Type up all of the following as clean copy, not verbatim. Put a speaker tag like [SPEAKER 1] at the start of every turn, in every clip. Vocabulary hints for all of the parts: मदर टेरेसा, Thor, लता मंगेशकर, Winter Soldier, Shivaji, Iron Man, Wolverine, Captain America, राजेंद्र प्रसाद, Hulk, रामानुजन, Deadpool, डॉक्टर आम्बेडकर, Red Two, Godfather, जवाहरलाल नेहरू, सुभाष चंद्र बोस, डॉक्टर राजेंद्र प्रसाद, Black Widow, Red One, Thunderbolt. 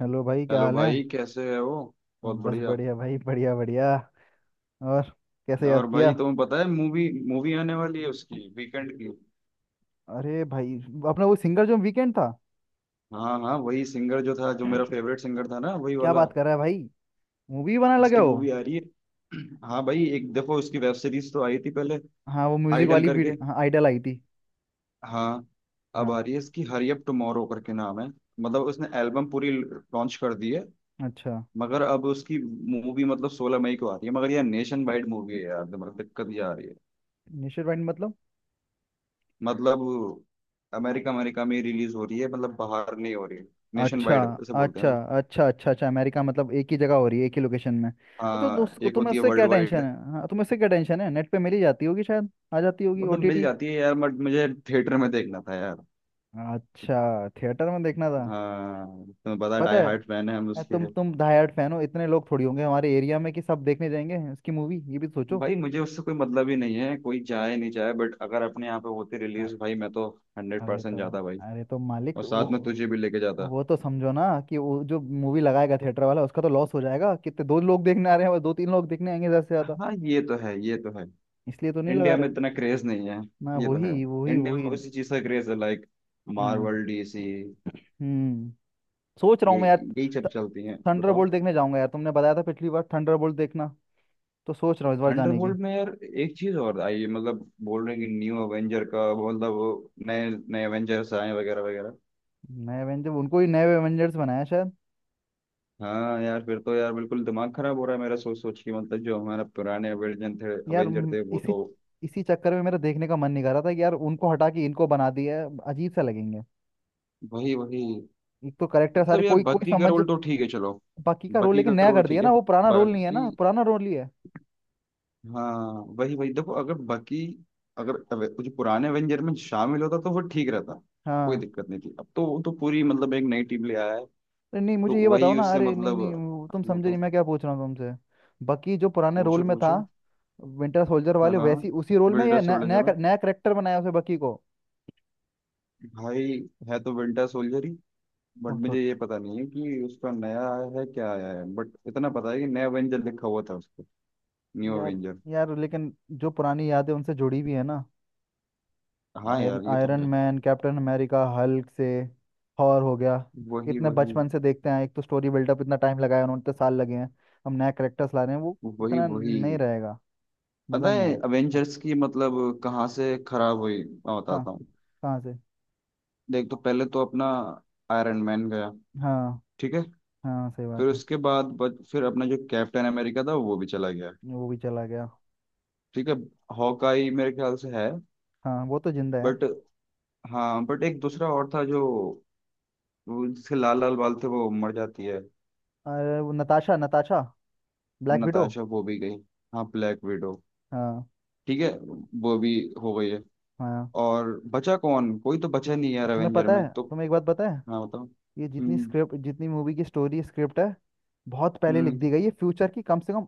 [SPEAKER 1] Hello भाई, क्या
[SPEAKER 2] hello
[SPEAKER 1] हाल है।
[SPEAKER 2] भाई, कैसे है वो। बहुत
[SPEAKER 1] बस
[SPEAKER 2] बढ़िया।
[SPEAKER 1] बढ़िया भाई, बढ़िया बढ़िया। और कैसे याद
[SPEAKER 2] और
[SPEAKER 1] किया।
[SPEAKER 2] भाई तुम्हें पता है मूवी मूवी आने वाली है उसकी, वीकेंड की।
[SPEAKER 1] अरे भाई, अपना वो सिंगर जो वीकेंड था।
[SPEAKER 2] हाँ हाँ, वही सिंगर जो था, जो मेरा फेवरेट सिंगर था ना, वही
[SPEAKER 1] क्या
[SPEAKER 2] वाला।
[SPEAKER 1] बात कर रहा है भाई, मूवी बनाने लगे
[SPEAKER 2] उसकी
[SPEAKER 1] हो।
[SPEAKER 2] मूवी आ रही है। हाँ भाई, एक देखो उसकी वेब सीरीज तो आई थी पहले,
[SPEAKER 1] हाँ वो म्यूजिक
[SPEAKER 2] आइडल
[SPEAKER 1] वाली
[SPEAKER 2] करके।
[SPEAKER 1] वीडियो, हाँ आइडल आई थी।
[SPEAKER 2] हाँ। अब आ
[SPEAKER 1] हाँ।
[SPEAKER 2] रही है, इसकी हरी अप टुमारो करके नाम है। मतलब उसने एल्बम पूरी लॉन्च कर दी है।
[SPEAKER 1] अच्छा।
[SPEAKER 2] मगर अब उसकी मूवी मतलब 16 मई को आ रही है, मगर यार नेशन वाइड मूवी है यार, दिमाग दिक्कत ये आ रही है।
[SPEAKER 1] नेचर वाइड मतलब।
[SPEAKER 2] मतलब अमेरिका अमेरिका में रिलीज हो रही है, मतलब बाहर नहीं हो रही है। नेशन
[SPEAKER 1] अच्छा
[SPEAKER 2] वाइड ऐसे बोलते हैं
[SPEAKER 1] अच्छा
[SPEAKER 2] ना।
[SPEAKER 1] अच्छा। अच्छा अच्छा, अमेरिका मतलब एक ही जगह हो रही है, एक ही लोकेशन में। तो, तो
[SPEAKER 2] हाँ,
[SPEAKER 1] उस-
[SPEAKER 2] एक
[SPEAKER 1] तुम्हें
[SPEAKER 2] होती है
[SPEAKER 1] उससे
[SPEAKER 2] वर्ल्ड
[SPEAKER 1] क्या टेंशन
[SPEAKER 2] वाइड,
[SPEAKER 1] है, हाँ तुम्हें उससे क्या टेंशन है, नेट पे मिल ही जाती होगी, शायद आ जाती होगी
[SPEAKER 2] मतलब मिल
[SPEAKER 1] ओटीटी।
[SPEAKER 2] जाती है यार, बट मुझे थिएटर में देखना था यार।
[SPEAKER 1] अच्छा थिएटर में देखना था।
[SPEAKER 2] हाँ, तुम्हें पता है
[SPEAKER 1] पता
[SPEAKER 2] डाई
[SPEAKER 1] है।
[SPEAKER 2] हार्ट फैन है हम
[SPEAKER 1] अ,
[SPEAKER 2] उसके।
[SPEAKER 1] तुम डाई हार्ड फैन हो, इतने लोग थोड़ी होंगे हमारे एरिया में कि सब देखने जाएंगे इसकी मूवी, ये भी सोचो।
[SPEAKER 2] भाई मुझे उससे कोई मतलब ही नहीं है, कोई चाहे नहीं चाहे, बट अगर अपने यहाँ पे होती
[SPEAKER 1] अ-
[SPEAKER 2] रिलीज भाई, मैं तो हंड्रेड
[SPEAKER 1] अरे
[SPEAKER 2] परसेंट
[SPEAKER 1] तो,
[SPEAKER 2] जाता भाई,
[SPEAKER 1] अरे तो मालिक
[SPEAKER 2] और
[SPEAKER 1] वो
[SPEAKER 2] साथ में तुझे भी लेके जाता।
[SPEAKER 1] वो तो समझो ना कि वो जो मूवी लगाएगा थिएटर वाला, उसका तो लॉस हो जाएगा। कितने दो लोग देखने आ रहे हैं, बस दो तीन लोग देखने आएंगे ज्यादा से ज्यादा।
[SPEAKER 2] हाँ ये तो है, ये तो है।
[SPEAKER 1] इसलिए तो नहीं लगा
[SPEAKER 2] इंडिया में
[SPEAKER 1] रहे।
[SPEAKER 2] इतना क्रेज नहीं है।
[SPEAKER 1] मैं
[SPEAKER 2] ये तो है।
[SPEAKER 1] वही वही
[SPEAKER 2] इंडिया
[SPEAKER 1] वही
[SPEAKER 2] में उसी चीज का क्रेज है, लाइक
[SPEAKER 1] हाँ।
[SPEAKER 2] Marvel, DC.
[SPEAKER 1] हम्म। सोच रहा हूँ
[SPEAKER 2] ये
[SPEAKER 1] मैं यार,
[SPEAKER 2] यही सब चलती हैं,
[SPEAKER 1] थंडरबोल्ट
[SPEAKER 2] बताओ।
[SPEAKER 1] देखने जाऊंगा यार। तुमने बताया था पिछली बार थंडरबोल्ट देखना, तो सोच रहा हूँ इस बार जाने की।
[SPEAKER 2] थंडरबोल्ट में यार एक चीज और आई है, मतलब बोल रहे हैं कि न्यू अवेंजर का मतलब, वो नए नए अवेंजर्स आए वगैरह वगैरह।
[SPEAKER 1] नए एवेंजर, उनको ही नए एवेंजर्स बनाया शायद।
[SPEAKER 2] हाँ यार फिर तो यार बिल्कुल दिमाग खराब हो रहा है मेरा सोच सोच के, मतलब जो हमारा पुराने अवेंजर थे,
[SPEAKER 1] यार
[SPEAKER 2] अवेंजर
[SPEAKER 1] म-
[SPEAKER 2] थे वो
[SPEAKER 1] इसी
[SPEAKER 2] तो,
[SPEAKER 1] इसी चक्कर में मेरा देखने का मन नहीं कर रहा था कि यार उनको हटा के इनको बना दिया है, अजीब सा लगेंगे।
[SPEAKER 2] वही वही।
[SPEAKER 1] एक तो करेक्टर सारे,
[SPEAKER 2] मतलब यार
[SPEAKER 1] कोई कोई
[SPEAKER 2] बाकी का
[SPEAKER 1] समझ।
[SPEAKER 2] रोल तो ठीक है, चलो।
[SPEAKER 1] बाकी का रोल,
[SPEAKER 2] बाकी
[SPEAKER 1] लेकिन
[SPEAKER 2] का
[SPEAKER 1] नया
[SPEAKER 2] रोल
[SPEAKER 1] कर दिया
[SPEAKER 2] ठीक है।
[SPEAKER 1] ना, वो पुराना रोल नहीं है
[SPEAKER 2] बाकी।
[SPEAKER 1] ना, पुराना रोल ही है।
[SPEAKER 2] हाँ वही वही। देखो अगर बाकी, अगर जो पुराने एवेंजर में शामिल होता तो वो ठीक रहता, कोई
[SPEAKER 1] हाँ।
[SPEAKER 2] दिक्कत नहीं थी। अब तो वो तो पूरी मतलब एक नई टीम ले आया है।
[SPEAKER 1] अरे नहीं
[SPEAKER 2] तो
[SPEAKER 1] मुझे ये बताओ
[SPEAKER 2] वही
[SPEAKER 1] ना,
[SPEAKER 2] उससे
[SPEAKER 1] अरे नहीं
[SPEAKER 2] मतलब,
[SPEAKER 1] नहीं वो तुम समझे नहीं
[SPEAKER 2] बताओ।
[SPEAKER 1] मैं क्या पूछ रहा हूँ तुमसे। बाकी जो पुराने रोल
[SPEAKER 2] पूछो
[SPEAKER 1] में था,
[SPEAKER 2] पूछो।
[SPEAKER 1] विंटर सोल्जर
[SPEAKER 2] हाँ
[SPEAKER 1] वाले
[SPEAKER 2] हाँ,
[SPEAKER 1] वैसी उसी रोल में
[SPEAKER 2] विंटर
[SPEAKER 1] या न-
[SPEAKER 2] सोल्जर
[SPEAKER 1] नया
[SPEAKER 2] में
[SPEAKER 1] नया करेक्टर बनाया उसे बकी को।
[SPEAKER 2] भाई है तो विंटर सोल्जर ही। बट
[SPEAKER 1] तो
[SPEAKER 2] मुझे ये पता नहीं है कि उसका नया आया है क्या आया है, बट इतना पता है कि नया एवेंजर लिखा हुआ था उसको, न्यू
[SPEAKER 1] यार,
[SPEAKER 2] एवेंजर।
[SPEAKER 1] यार लेकिन जो पुरानी यादें उनसे जुड़ी हुई है ना।
[SPEAKER 2] हाँ
[SPEAKER 1] आयरन
[SPEAKER 2] यार ये तो
[SPEAKER 1] आयरन
[SPEAKER 2] है।
[SPEAKER 1] मैन, कैप्टन अमेरिका, हल्क से, थॉर हो गया।
[SPEAKER 2] वही
[SPEAKER 1] इतने
[SPEAKER 2] वही
[SPEAKER 1] बचपन से देखते हैं, एक तो स्टोरी बिल्डअप इतना टाइम लगाया उन्होंने, इतने साल लगे हैं। हम नया करेक्टर्स ला रहे हैं, वो
[SPEAKER 2] वही
[SPEAKER 1] इतना
[SPEAKER 2] वही।
[SPEAKER 1] नहीं रहेगा। मज़ा
[SPEAKER 2] पता
[SPEAKER 1] नहीं
[SPEAKER 2] है
[SPEAKER 1] आएगा। हाँ।
[SPEAKER 2] अवेंजर्स की मतलब कहाँ से खराब हुई, मैं
[SPEAKER 1] कहाँ,
[SPEAKER 2] बताता हूँ।
[SPEAKER 1] कहाँ से।
[SPEAKER 2] देख तो पहले तो अपना आयरन मैन गया,
[SPEAKER 1] हाँ
[SPEAKER 2] ठीक है।
[SPEAKER 1] हाँ सही
[SPEAKER 2] फिर
[SPEAKER 1] बात है।
[SPEAKER 2] उसके बाद फिर अपना जो कैप्टन अमेरिका था वो भी चला गया,
[SPEAKER 1] वो भी चला गया।
[SPEAKER 2] ठीक है। हॉकाई मेरे ख्याल से है,
[SPEAKER 1] हाँ वो तो जिंदा है।
[SPEAKER 2] बट हाँ, बट एक दूसरा और था जो, वो जिसके लाल लाल बाल थे वो मर जाती है,
[SPEAKER 1] अरे वो Natasha, Natasha, Black Widow.
[SPEAKER 2] Natasha, वो भी गई। हाँ, ब्लैक विडो,
[SPEAKER 1] हाँ
[SPEAKER 2] ठीक है। वो भी हो गई है।
[SPEAKER 1] हाँ।
[SPEAKER 2] और बचा कौन, कोई तो बचा नहीं है
[SPEAKER 1] अब
[SPEAKER 2] यार
[SPEAKER 1] तुम्हें
[SPEAKER 2] एवेंजर
[SPEAKER 1] पता
[SPEAKER 2] में
[SPEAKER 1] है,
[SPEAKER 2] तो।
[SPEAKER 1] तुम्हें एक बात पता है।
[SPEAKER 2] हाँ बताओ।
[SPEAKER 1] ये जितनी
[SPEAKER 2] हम्म
[SPEAKER 1] स्क्रिप्ट, जितनी मूवी की स्टोरी स्क्रिप्ट है, बहुत पहले लिख दी
[SPEAKER 2] हम्म।
[SPEAKER 1] गई है, फ्यूचर की कम से कम।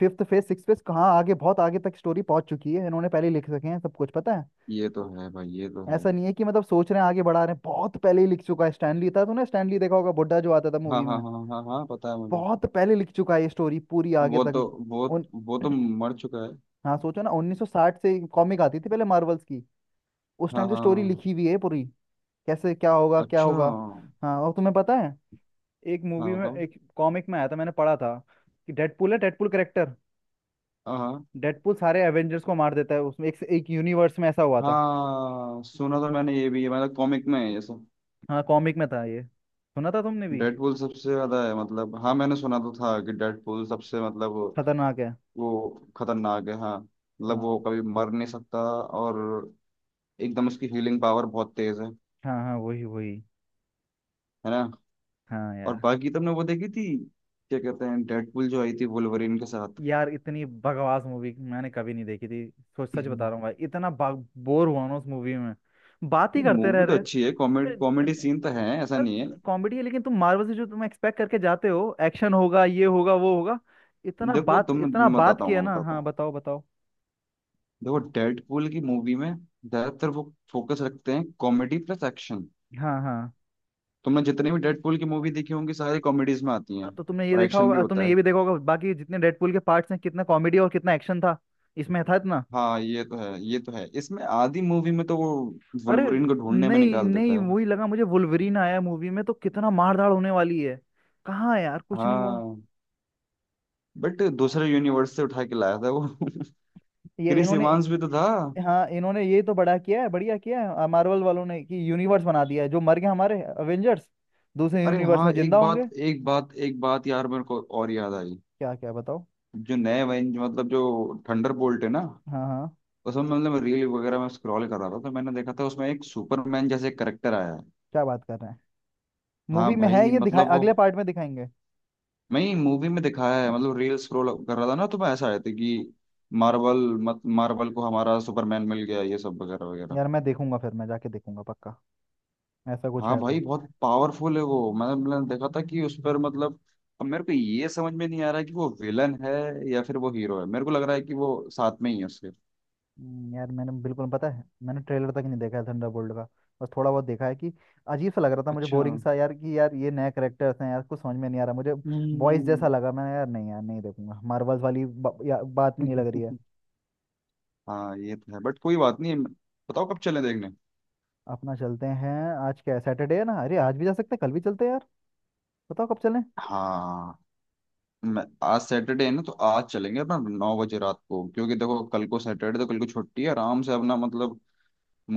[SPEAKER 1] फिफ्थ फेज, सिक्स फेज, कहाँ आगे, बहुत आगे तक स्टोरी पहुंच चुकी है। इन्होंने पहले लिख सके हैं, सब कुछ पता है।
[SPEAKER 2] ये तो है भाई, ये तो है।
[SPEAKER 1] ऐसा नहीं है कि मतलब सोच रहे हैं आगे बढ़ा रहे हैं, बहुत पहले ही लिख चुका है। स्टैनली था, तूने स्टैनली देखा होगा, बुड्ढा जो आता था
[SPEAKER 2] हाँ
[SPEAKER 1] मूवी
[SPEAKER 2] हाँ
[SPEAKER 1] में।
[SPEAKER 2] हाँ हाँ हाँ हाँ, पता है मुझे।
[SPEAKER 1] बहुत पहले लिख चुका है ये स्टोरी, पूरी आगे
[SPEAKER 2] वो
[SPEAKER 1] तक।
[SPEAKER 2] तो वो
[SPEAKER 1] उन।
[SPEAKER 2] वो तो मर चुका है।
[SPEAKER 1] हाँ सोचो ना, 1960 से कॉमिक आती थी पहले मार्वल्स की। उस
[SPEAKER 2] हाँ
[SPEAKER 1] टाइम
[SPEAKER 2] हाँ
[SPEAKER 1] से स्टोरी
[SPEAKER 2] हाँ।
[SPEAKER 1] लिखी हुई है पूरी। कैसे क्या होगा क्या
[SPEAKER 2] अच्छा
[SPEAKER 1] होगा।
[SPEAKER 2] हाँ,
[SPEAKER 1] हाँ, और तुम्हें पता है, एक मूवी में,
[SPEAKER 2] बताओ।
[SPEAKER 1] एक कॉमिक में आया था, मैंने पढ़ा था कि डेडपूल है, डेडपूल करेक्टर।
[SPEAKER 2] हाँ हाँ
[SPEAKER 1] डेडपूल सारे एवेंजर्स को मार देता है, उसमें एक, एक यूनिवर्स में ऐसा हुआ था।
[SPEAKER 2] हाँ, सुना तो मैंने ये भी है, मतलब कॉमिक में है ये सब।
[SPEAKER 1] हाँ, कॉमिक में था, ये सुना था तुमने भी।
[SPEAKER 2] डेडपूल सबसे ज्यादा है, मतलब हाँ मैंने सुना तो था कि डेडपूल सबसे मतलब
[SPEAKER 1] खतरनाक है।
[SPEAKER 2] वो खतरनाक है हाँ, मतलब वो
[SPEAKER 1] हाँ
[SPEAKER 2] कभी मर नहीं सकता। और एकदम उसकी हीलिंग पावर बहुत तेज है
[SPEAKER 1] हाँ। हाँ, वही वही।
[SPEAKER 2] है ना।
[SPEAKER 1] हाँ
[SPEAKER 2] और
[SPEAKER 1] यार।
[SPEAKER 2] बाकी तुमने वो देखी थी, क्या कहते हैं, डेडपूल जो आई थी वुल्वरीन के साथ।
[SPEAKER 1] यार इतनी बकवास मूवी मैंने कभी नहीं देखी थी। सोच, सच बता रहा हूँ भाई, इतना बोर हुआ ना उस मूवी में। बात ही करते रह
[SPEAKER 2] मूवी तो
[SPEAKER 1] रहे।
[SPEAKER 2] अच्छी है, कॉमेडी कॉमेडी
[SPEAKER 1] अरे,
[SPEAKER 2] सीन तो है, ऐसा नहीं है।
[SPEAKER 1] अरे कॉमेडी है लेकिन तुम मार्वल से जो तुम एक्सपेक्ट करके जाते हो, एक्शन होगा, ये होगा, वो होगा। इतना
[SPEAKER 2] देखो
[SPEAKER 1] बात,
[SPEAKER 2] तुम,
[SPEAKER 1] इतना
[SPEAKER 2] मैं
[SPEAKER 1] बात
[SPEAKER 2] बताता हूँ
[SPEAKER 1] किया
[SPEAKER 2] मैं
[SPEAKER 1] ना।
[SPEAKER 2] बताता
[SPEAKER 1] हाँ
[SPEAKER 2] हूँ।
[SPEAKER 1] बताओ बताओ।
[SPEAKER 2] देखो डेडपूल की मूवी में ज्यादातर वो फोकस रखते हैं कॉमेडी प्लस एक्शन।
[SPEAKER 1] हाँ हाँ।
[SPEAKER 2] तुमने जितनी भी डेडपूल की मूवी देखी होंगी सारी कॉमेडीज में आती
[SPEAKER 1] हाँ,
[SPEAKER 2] हैं
[SPEAKER 1] तो तुमने ये
[SPEAKER 2] और
[SPEAKER 1] देखा
[SPEAKER 2] एक्शन भी
[SPEAKER 1] होगा,
[SPEAKER 2] होता
[SPEAKER 1] तुमने ये
[SPEAKER 2] है।
[SPEAKER 1] भी देखा होगा, बाकी जितने डेडपूल के पार्ट्स हैं, कितना कॉमेडी और कितना एक्शन था। इसमें था इतना।
[SPEAKER 2] हाँ ये तो है, ये तो है। इसमें आधी मूवी में तो वो
[SPEAKER 1] अरे,
[SPEAKER 2] वुल्वरीन को ढूंढने में
[SPEAKER 1] नहीं
[SPEAKER 2] निकाल
[SPEAKER 1] नहीं
[SPEAKER 2] देता है।
[SPEAKER 1] वही लगा मुझे, वुल्वरीन आया मूवी में तो कितना मारधाड़ होने वाली है। कहाँ है यार, कुछ नहीं हुआ।
[SPEAKER 2] हाँ, बट दूसरे यूनिवर्स से उठा के लाया था वो। क्रिस
[SPEAKER 1] ये इन्होंने।
[SPEAKER 2] इवांस भी तो था।
[SPEAKER 1] हाँ, इन्होंने ये तो बड़ा किया है, बढ़िया किया है मार्वल वालों ने कि यूनिवर्स बना दिया है। जो मर गए हमारे अवेंजर्स, दूसरे
[SPEAKER 2] अरे
[SPEAKER 1] यूनिवर्स
[SPEAKER 2] हाँ
[SPEAKER 1] में जिंदा
[SPEAKER 2] एक
[SPEAKER 1] होंगे।
[SPEAKER 2] बात एक बात एक बात यार, मेरे को और याद आई।
[SPEAKER 1] क्या, क्या बताओ।
[SPEAKER 2] जो नए वेंज मतलब जो थंडर बोल्ट है ना,
[SPEAKER 1] हाँ हाँ।
[SPEAKER 2] उसमें मतलब रील वगैरह में स्क्रॉल कर रहा था तो मैंने देखा था, उसमें एक सुपरमैन जैसे करेक्टर आया है।
[SPEAKER 1] क्या बात कर रहे हैं।
[SPEAKER 2] हाँ
[SPEAKER 1] मूवी में है,
[SPEAKER 2] भाई
[SPEAKER 1] ये दिखाए,
[SPEAKER 2] मतलब वो,
[SPEAKER 1] अगले पार्ट में दिखाएंगे।
[SPEAKER 2] मैं मूवी में दिखाया है, मतलब रील स्क्रॉल कर रहा था ना, तो मैं ऐसा आया था कि मार्वल, मत मार्वल को हमारा सुपरमैन मिल गया ये सब वगैरह वगैरह।
[SPEAKER 1] यार मैं देखूंगा, फिर मैं जाके देखूंगा पक्का। ऐसा कुछ
[SPEAKER 2] हाँ
[SPEAKER 1] है
[SPEAKER 2] भाई
[SPEAKER 1] तो।
[SPEAKER 2] बहुत पावरफुल है वो, मैंने मैंने देखा था कि उस पर मतलब, अब मेरे को ये समझ में नहीं आ रहा है कि वो विलन है या फिर वो हीरो है, मेरे को लग रहा है कि वो साथ में ही है उसके।
[SPEAKER 1] यार मैंने बिल्कुल, पता है, मैंने ट्रेलर तक नहीं देखा है थंडरबोल्ट का। बस थोड़ा बहुत देखा है कि अजीब सा लग रहा था मुझे,
[SPEAKER 2] अच्छा।
[SPEAKER 1] बोरिंग सा यार, कि यार ये नए करेक्टर्स हैं यार, कुछ समझ में नहीं आ रहा मुझे। बॉयज जैसा
[SPEAKER 2] हम्म।
[SPEAKER 1] लगा मैंने यार, नहीं यार नहीं देखूंगा मार्वल्स वाली बात नहीं लग रही है।
[SPEAKER 2] हाँ ये तो है, बट कोई बात नहीं। बताओ कब चलें देखने।
[SPEAKER 1] अपना चलते हैं। आज क्या है, सैटरडे है ना, अरे आज भी जा सकते हैं, कल भी चलते हैं यार। बताओ कब चलें।
[SPEAKER 2] हाँ मैं, आज सैटरडे है ना, तो आज चलेंगे अपना 9 बजे रात को, क्योंकि देखो कल को सैटरडे, तो कल को छुट्टी है, आराम से अपना मतलब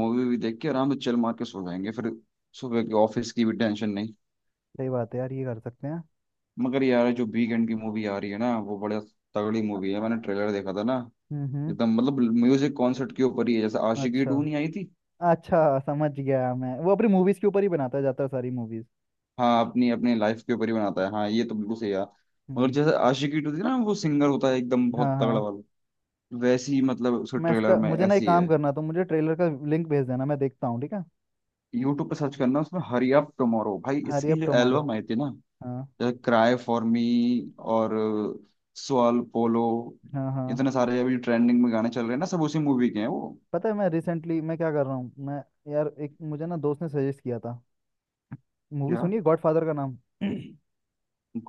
[SPEAKER 2] मूवी भी देख के आराम से चिल मार के सो जाएंगे, फिर सुबह के ऑफिस की भी टेंशन नहीं।
[SPEAKER 1] सही बात है यार, ये कर सकते हैं।
[SPEAKER 2] मगर यार जो वीकेंड की मूवी आ रही है ना वो बड़ा तगड़ी मूवी है,
[SPEAKER 1] अ,
[SPEAKER 2] मैंने ट्रेलर देखा था ना,
[SPEAKER 1] हम्म।
[SPEAKER 2] एकदम मतलब म्यूजिक कॉन्सर्ट के ऊपर ही है, जैसे आशिकी
[SPEAKER 1] अच्छा,
[SPEAKER 2] टू नहीं आई थी।
[SPEAKER 1] अच्छा समझ गया मैं। वो अपनी मूवीज के ऊपर ही बनाता जाता है सारी मूवीज।
[SPEAKER 2] हाँ अपनी अपनी लाइफ के ऊपर ही बनाता है, हाँ ये तो बिल्कुल सही है। मगर
[SPEAKER 1] हम्म।
[SPEAKER 2] जैसे आशिकी टू थी ना, वो सिंगर होता है एकदम
[SPEAKER 1] हाँ
[SPEAKER 2] बहुत तगड़ा
[SPEAKER 1] हाँ।
[SPEAKER 2] वाला, वैसी ही मतलब उसके
[SPEAKER 1] मैं
[SPEAKER 2] ट्रेलर
[SPEAKER 1] इसका,
[SPEAKER 2] में
[SPEAKER 1] मुझे ना एक
[SPEAKER 2] ऐसी
[SPEAKER 1] काम
[SPEAKER 2] है।
[SPEAKER 1] करना, तो मुझे ट्रेलर का लिंक भेज देना, मैं देखता हूँ, ठीक है।
[SPEAKER 2] यूट्यूब पे सर्च करना, उसमें हरी अप टुमारो, भाई
[SPEAKER 1] हरी
[SPEAKER 2] इसकी
[SPEAKER 1] अप
[SPEAKER 2] जो
[SPEAKER 1] टुमारो।
[SPEAKER 2] एल्बम आई थी ना,
[SPEAKER 1] हाँ
[SPEAKER 2] जैसे क्राई फॉर मी और सवाल पोलो,
[SPEAKER 1] हाँ हाँ।
[SPEAKER 2] इतने सारे अभी ट्रेंडिंग में गाने चल रहे हैं ना, सब उसी मूवी के हैं वो।
[SPEAKER 1] पता है मैं रिसेंटली, मैं क्या कर रहा हूँ मैं, यार एक मुझे ना दोस्त ने सजेस्ट किया था। मूवी
[SPEAKER 2] क्या।
[SPEAKER 1] सुनिए गॉडफादर का नाम।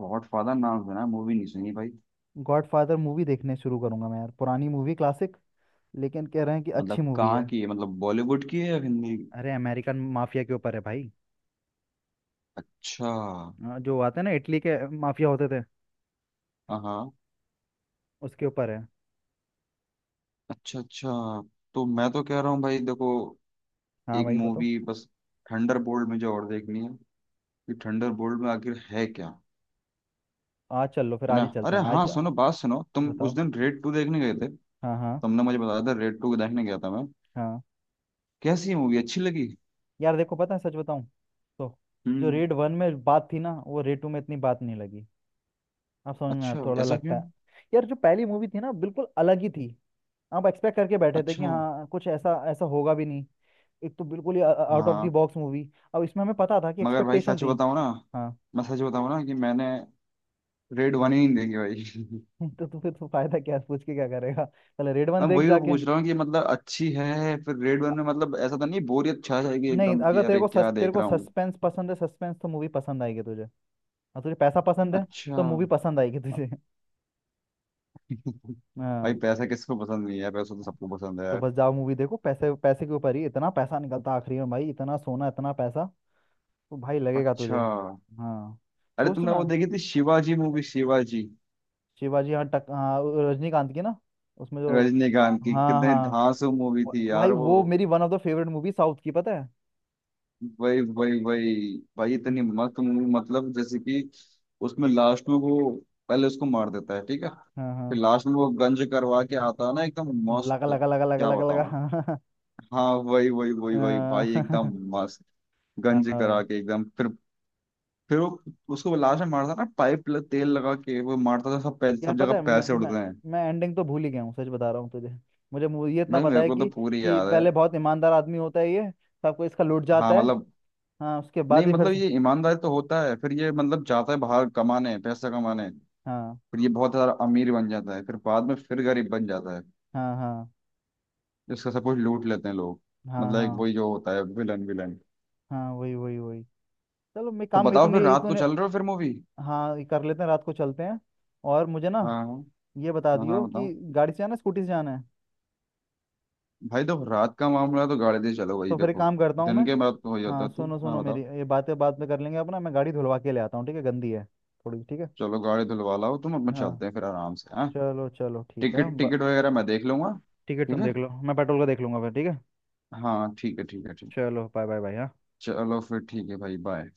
[SPEAKER 2] गॉड फादर नाम सुना है, मूवी नहीं सुनी भाई।
[SPEAKER 1] गॉडफादर मूवी देखने शुरू करूंगा मैं यार, पुरानी मूवी, क्लासिक। लेकिन कह रहे हैं कि अच्छी
[SPEAKER 2] मतलब
[SPEAKER 1] मूवी
[SPEAKER 2] कहाँ
[SPEAKER 1] है।
[SPEAKER 2] की है, मतलब बॉलीवुड की है या हिंदी।
[SPEAKER 1] अरे अमेरिकन माफिया के ऊपर है भाई।
[SPEAKER 2] अच्छा
[SPEAKER 1] हाँ, जो आते हैं ना इटली के माफिया होते थे,
[SPEAKER 2] हाँ।
[SPEAKER 1] उसके ऊपर है।
[SPEAKER 2] अच्छा अच्छा, तो मैं तो कह रहा हूँ भाई देखो,
[SPEAKER 1] हाँ
[SPEAKER 2] एक
[SPEAKER 1] भाई बताओ।
[SPEAKER 2] मूवी बस, थंडर बोल्ट मुझे और देखनी है, कि थंडर बोल्ट में आखिर है क्या।
[SPEAKER 1] आज चल लो, फिर
[SPEAKER 2] है
[SPEAKER 1] आज
[SPEAKER 2] ना।
[SPEAKER 1] ही चलते
[SPEAKER 2] अरे
[SPEAKER 1] हैं।
[SPEAKER 2] हाँ सुनो बात सुनो, तुम उस
[SPEAKER 1] बताओ।
[SPEAKER 2] दिन रेड टू देखने गए थे,
[SPEAKER 1] हाँ हाँ।
[SPEAKER 2] तुमने मुझे बताया था रेड टू देखने गया था मैं,
[SPEAKER 1] हाँ
[SPEAKER 2] कैसी मूवी, अच्छी लगी।
[SPEAKER 1] यार देखो, पता है सच बताऊं तो, जो
[SPEAKER 2] हम्म।
[SPEAKER 1] रेड वन में बात थी ना, वो रेड टू में इतनी बात नहीं लगी। अब समझ में आया,
[SPEAKER 2] अच्छा
[SPEAKER 1] थोड़ा
[SPEAKER 2] ऐसा
[SPEAKER 1] लगता
[SPEAKER 2] क्यों।
[SPEAKER 1] है। यार जो पहली मूवी थी ना, बिल्कुल अलग ही थी। आप एक्सपेक्ट करके बैठे थे कि
[SPEAKER 2] अच्छा
[SPEAKER 1] हाँ, कुछ ऐसा ऐसा होगा भी नहीं। एक तो बिल्कुल ही आउट ऑफ द
[SPEAKER 2] हाँ।
[SPEAKER 1] Box movie. अब इसमें हमें पता था कि
[SPEAKER 2] मगर भाई
[SPEAKER 1] एक्सपेक्टेशन
[SPEAKER 2] सच
[SPEAKER 1] थी।
[SPEAKER 2] बताऊँ ना,
[SPEAKER 1] हाँ।
[SPEAKER 2] मैं सच बताऊँ ना कि मैंने रेड वन ही नहीं देखी भाई।
[SPEAKER 1] तो फिर तो फायदा क्या है, पूछ के क्या करेगा, पहले रेड वन
[SPEAKER 2] मैं
[SPEAKER 1] देख
[SPEAKER 2] वही तो
[SPEAKER 1] जाके
[SPEAKER 2] पूछ रहा हूँ कि मतलब अच्छी है फिर रेड वन में, मतलब ऐसा तो नहीं बोरियत छा जाएगी
[SPEAKER 1] नहीं,
[SPEAKER 2] एकदम कि
[SPEAKER 1] अगर
[SPEAKER 2] अरे क्या
[SPEAKER 1] तेरे
[SPEAKER 2] देख
[SPEAKER 1] को
[SPEAKER 2] रहा हूँ।
[SPEAKER 1] सस्पेंस पसंद है, सस्पेंस तो मूवी पसंद आएगी तुझे। और तुझे पैसा पसंद है,
[SPEAKER 2] अच्छा।
[SPEAKER 1] तो मूवी पसंद आएगी तुझे।
[SPEAKER 2] भाई
[SPEAKER 1] हाँ।
[SPEAKER 2] पैसा किसको पसंद नहीं है, पैसा तो
[SPEAKER 1] हाँ।
[SPEAKER 2] सबको पसंद है
[SPEAKER 1] तो
[SPEAKER 2] यार।
[SPEAKER 1] बस जाओ मूवी देखो, पैसे, पैसे के ऊपर ही, इतना पैसा निकलता आखिरी में भाई, इतना सोना, इतना पैसा, तो भाई लगेगा तुझे।
[SPEAKER 2] अच्छा।
[SPEAKER 1] हाँ।
[SPEAKER 2] अरे
[SPEAKER 1] सोच
[SPEAKER 2] तुमने
[SPEAKER 1] ना।
[SPEAKER 2] वो देखी थी शिवाजी मूवी, शिवाजी,
[SPEAKER 1] शिवाजी, हाँ टक हाँ वो रजनीकांत की ना, उसमें जो।
[SPEAKER 2] रजनीकांत की
[SPEAKER 1] हाँ
[SPEAKER 2] कितनी
[SPEAKER 1] हाँ,
[SPEAKER 2] धांसू मूवी थी
[SPEAKER 1] भाई
[SPEAKER 2] यार वो।
[SPEAKER 1] वो मेरी one of the favourite movie south की, पता है।
[SPEAKER 2] वही वही वही, भाई इतनी
[SPEAKER 1] हम्म।
[SPEAKER 2] मस्त मूवी, मतलब जैसे कि उसमें लास्ट में वो पहले उसको मार देता है ठीक है,
[SPEAKER 1] हाँ हाँ।
[SPEAKER 2] फिर लास्ट में वो गंज करवा के आता है ना, एकदम मस्त,
[SPEAKER 1] लगा लगा लगा लगा
[SPEAKER 2] क्या
[SPEAKER 1] लगा लगा,
[SPEAKER 2] बताऊं।
[SPEAKER 1] हाँ हाँ।
[SPEAKER 2] हाँ वही वही वही वही
[SPEAKER 1] हाँ
[SPEAKER 2] भाई
[SPEAKER 1] हाँ,
[SPEAKER 2] एकदम मस्त,
[SPEAKER 1] हाँ,
[SPEAKER 2] गंज
[SPEAKER 1] भाई।
[SPEAKER 2] करा के एकदम फिर वो उसको लास्ट में मारता है ना, पाइप तेल लगा के वो मारता था,
[SPEAKER 1] यार
[SPEAKER 2] सब जगह
[SPEAKER 1] पता है, मैं
[SPEAKER 2] पैसे
[SPEAKER 1] मैं
[SPEAKER 2] उड़ते हैं।
[SPEAKER 1] मैं एंडिंग तो भूल ही गया हूँ, सच बता रहा हूँ तुझे। ये इतना
[SPEAKER 2] भाई
[SPEAKER 1] पता
[SPEAKER 2] मेरे
[SPEAKER 1] है
[SPEAKER 2] को तो
[SPEAKER 1] कि
[SPEAKER 2] पूरी
[SPEAKER 1] कि
[SPEAKER 2] याद है।
[SPEAKER 1] पहले बहुत ईमानदार आदमी होता है ये, सबको इसका लुट जाता
[SPEAKER 2] हाँ
[SPEAKER 1] है।
[SPEAKER 2] मतलब,
[SPEAKER 1] हाँ, उसके
[SPEAKER 2] नहीं
[SPEAKER 1] बाद ही फिर
[SPEAKER 2] मतलब
[SPEAKER 1] से।
[SPEAKER 2] ये ईमानदारी तो होता है, फिर ये मतलब जाता है बाहर कमाने, पैसा कमाने, फिर
[SPEAKER 1] हाँ
[SPEAKER 2] ये बहुत सारा अमीर बन जाता है, फिर बाद में फिर गरीब बन जाता है,
[SPEAKER 1] हाँ, हाँ
[SPEAKER 2] इसका सब कुछ लूट लेते हैं लोग,
[SPEAKER 1] हाँ,
[SPEAKER 2] मतलब एक
[SPEAKER 1] हाँ
[SPEAKER 2] वही जो होता है विलन विलन।
[SPEAKER 1] हाँ, वही वही वही। चलो मैं
[SPEAKER 2] तो
[SPEAKER 1] काम, ये
[SPEAKER 2] बताओ
[SPEAKER 1] तूने,
[SPEAKER 2] फिर
[SPEAKER 1] ये
[SPEAKER 2] रात को
[SPEAKER 1] तूने।
[SPEAKER 2] चल रहे हो फिर मूवी।
[SPEAKER 1] हाँ ये कर लेते हैं रात को चलते हैं। और मुझे ना
[SPEAKER 2] हाँ हाँ,
[SPEAKER 1] ये बता
[SPEAKER 2] हाँ
[SPEAKER 1] दियो
[SPEAKER 2] हाँ
[SPEAKER 1] कि
[SPEAKER 2] बताओ।
[SPEAKER 1] गाड़ी से जाना है, स्कूटी से जाना है।
[SPEAKER 2] भाई देखो रात का मामला है तो गाड़ी दे चलो भाई,
[SPEAKER 1] तो फिर एक
[SPEAKER 2] देखो
[SPEAKER 1] काम करता हूँ मैं।
[SPEAKER 2] दिन के बाद तो वही
[SPEAKER 1] हाँ
[SPEAKER 2] होता थी,
[SPEAKER 1] सुनो
[SPEAKER 2] हाँ
[SPEAKER 1] सुनो, मेरी
[SPEAKER 2] बताओ।
[SPEAKER 1] ये बातें बाद में कर लेंगे, अपना मैं गाड़ी धुलवा के ले आता हूँ ठीक है, गंदी है थोड़ी, ठीक है।
[SPEAKER 2] चलो गाड़ी धुलवा लाओ तुम, अपना
[SPEAKER 1] हाँ
[SPEAKER 2] चलते हैं फिर आराम से, हाँ।
[SPEAKER 1] चलो चलो ठीक है
[SPEAKER 2] टिकट टिकट वगैरह मैं देख लूंगा।
[SPEAKER 1] टिकट
[SPEAKER 2] ठीक
[SPEAKER 1] तुम
[SPEAKER 2] है।
[SPEAKER 1] देख लो, मैं पेट्रोल का देख लूंगा फिर, ठीक है।
[SPEAKER 2] हाँ ठीक है ठीक है ठीक है।
[SPEAKER 1] चलो बाय बाय बाय। हाँ।
[SPEAKER 2] चलो फिर ठीक है भाई, बाय।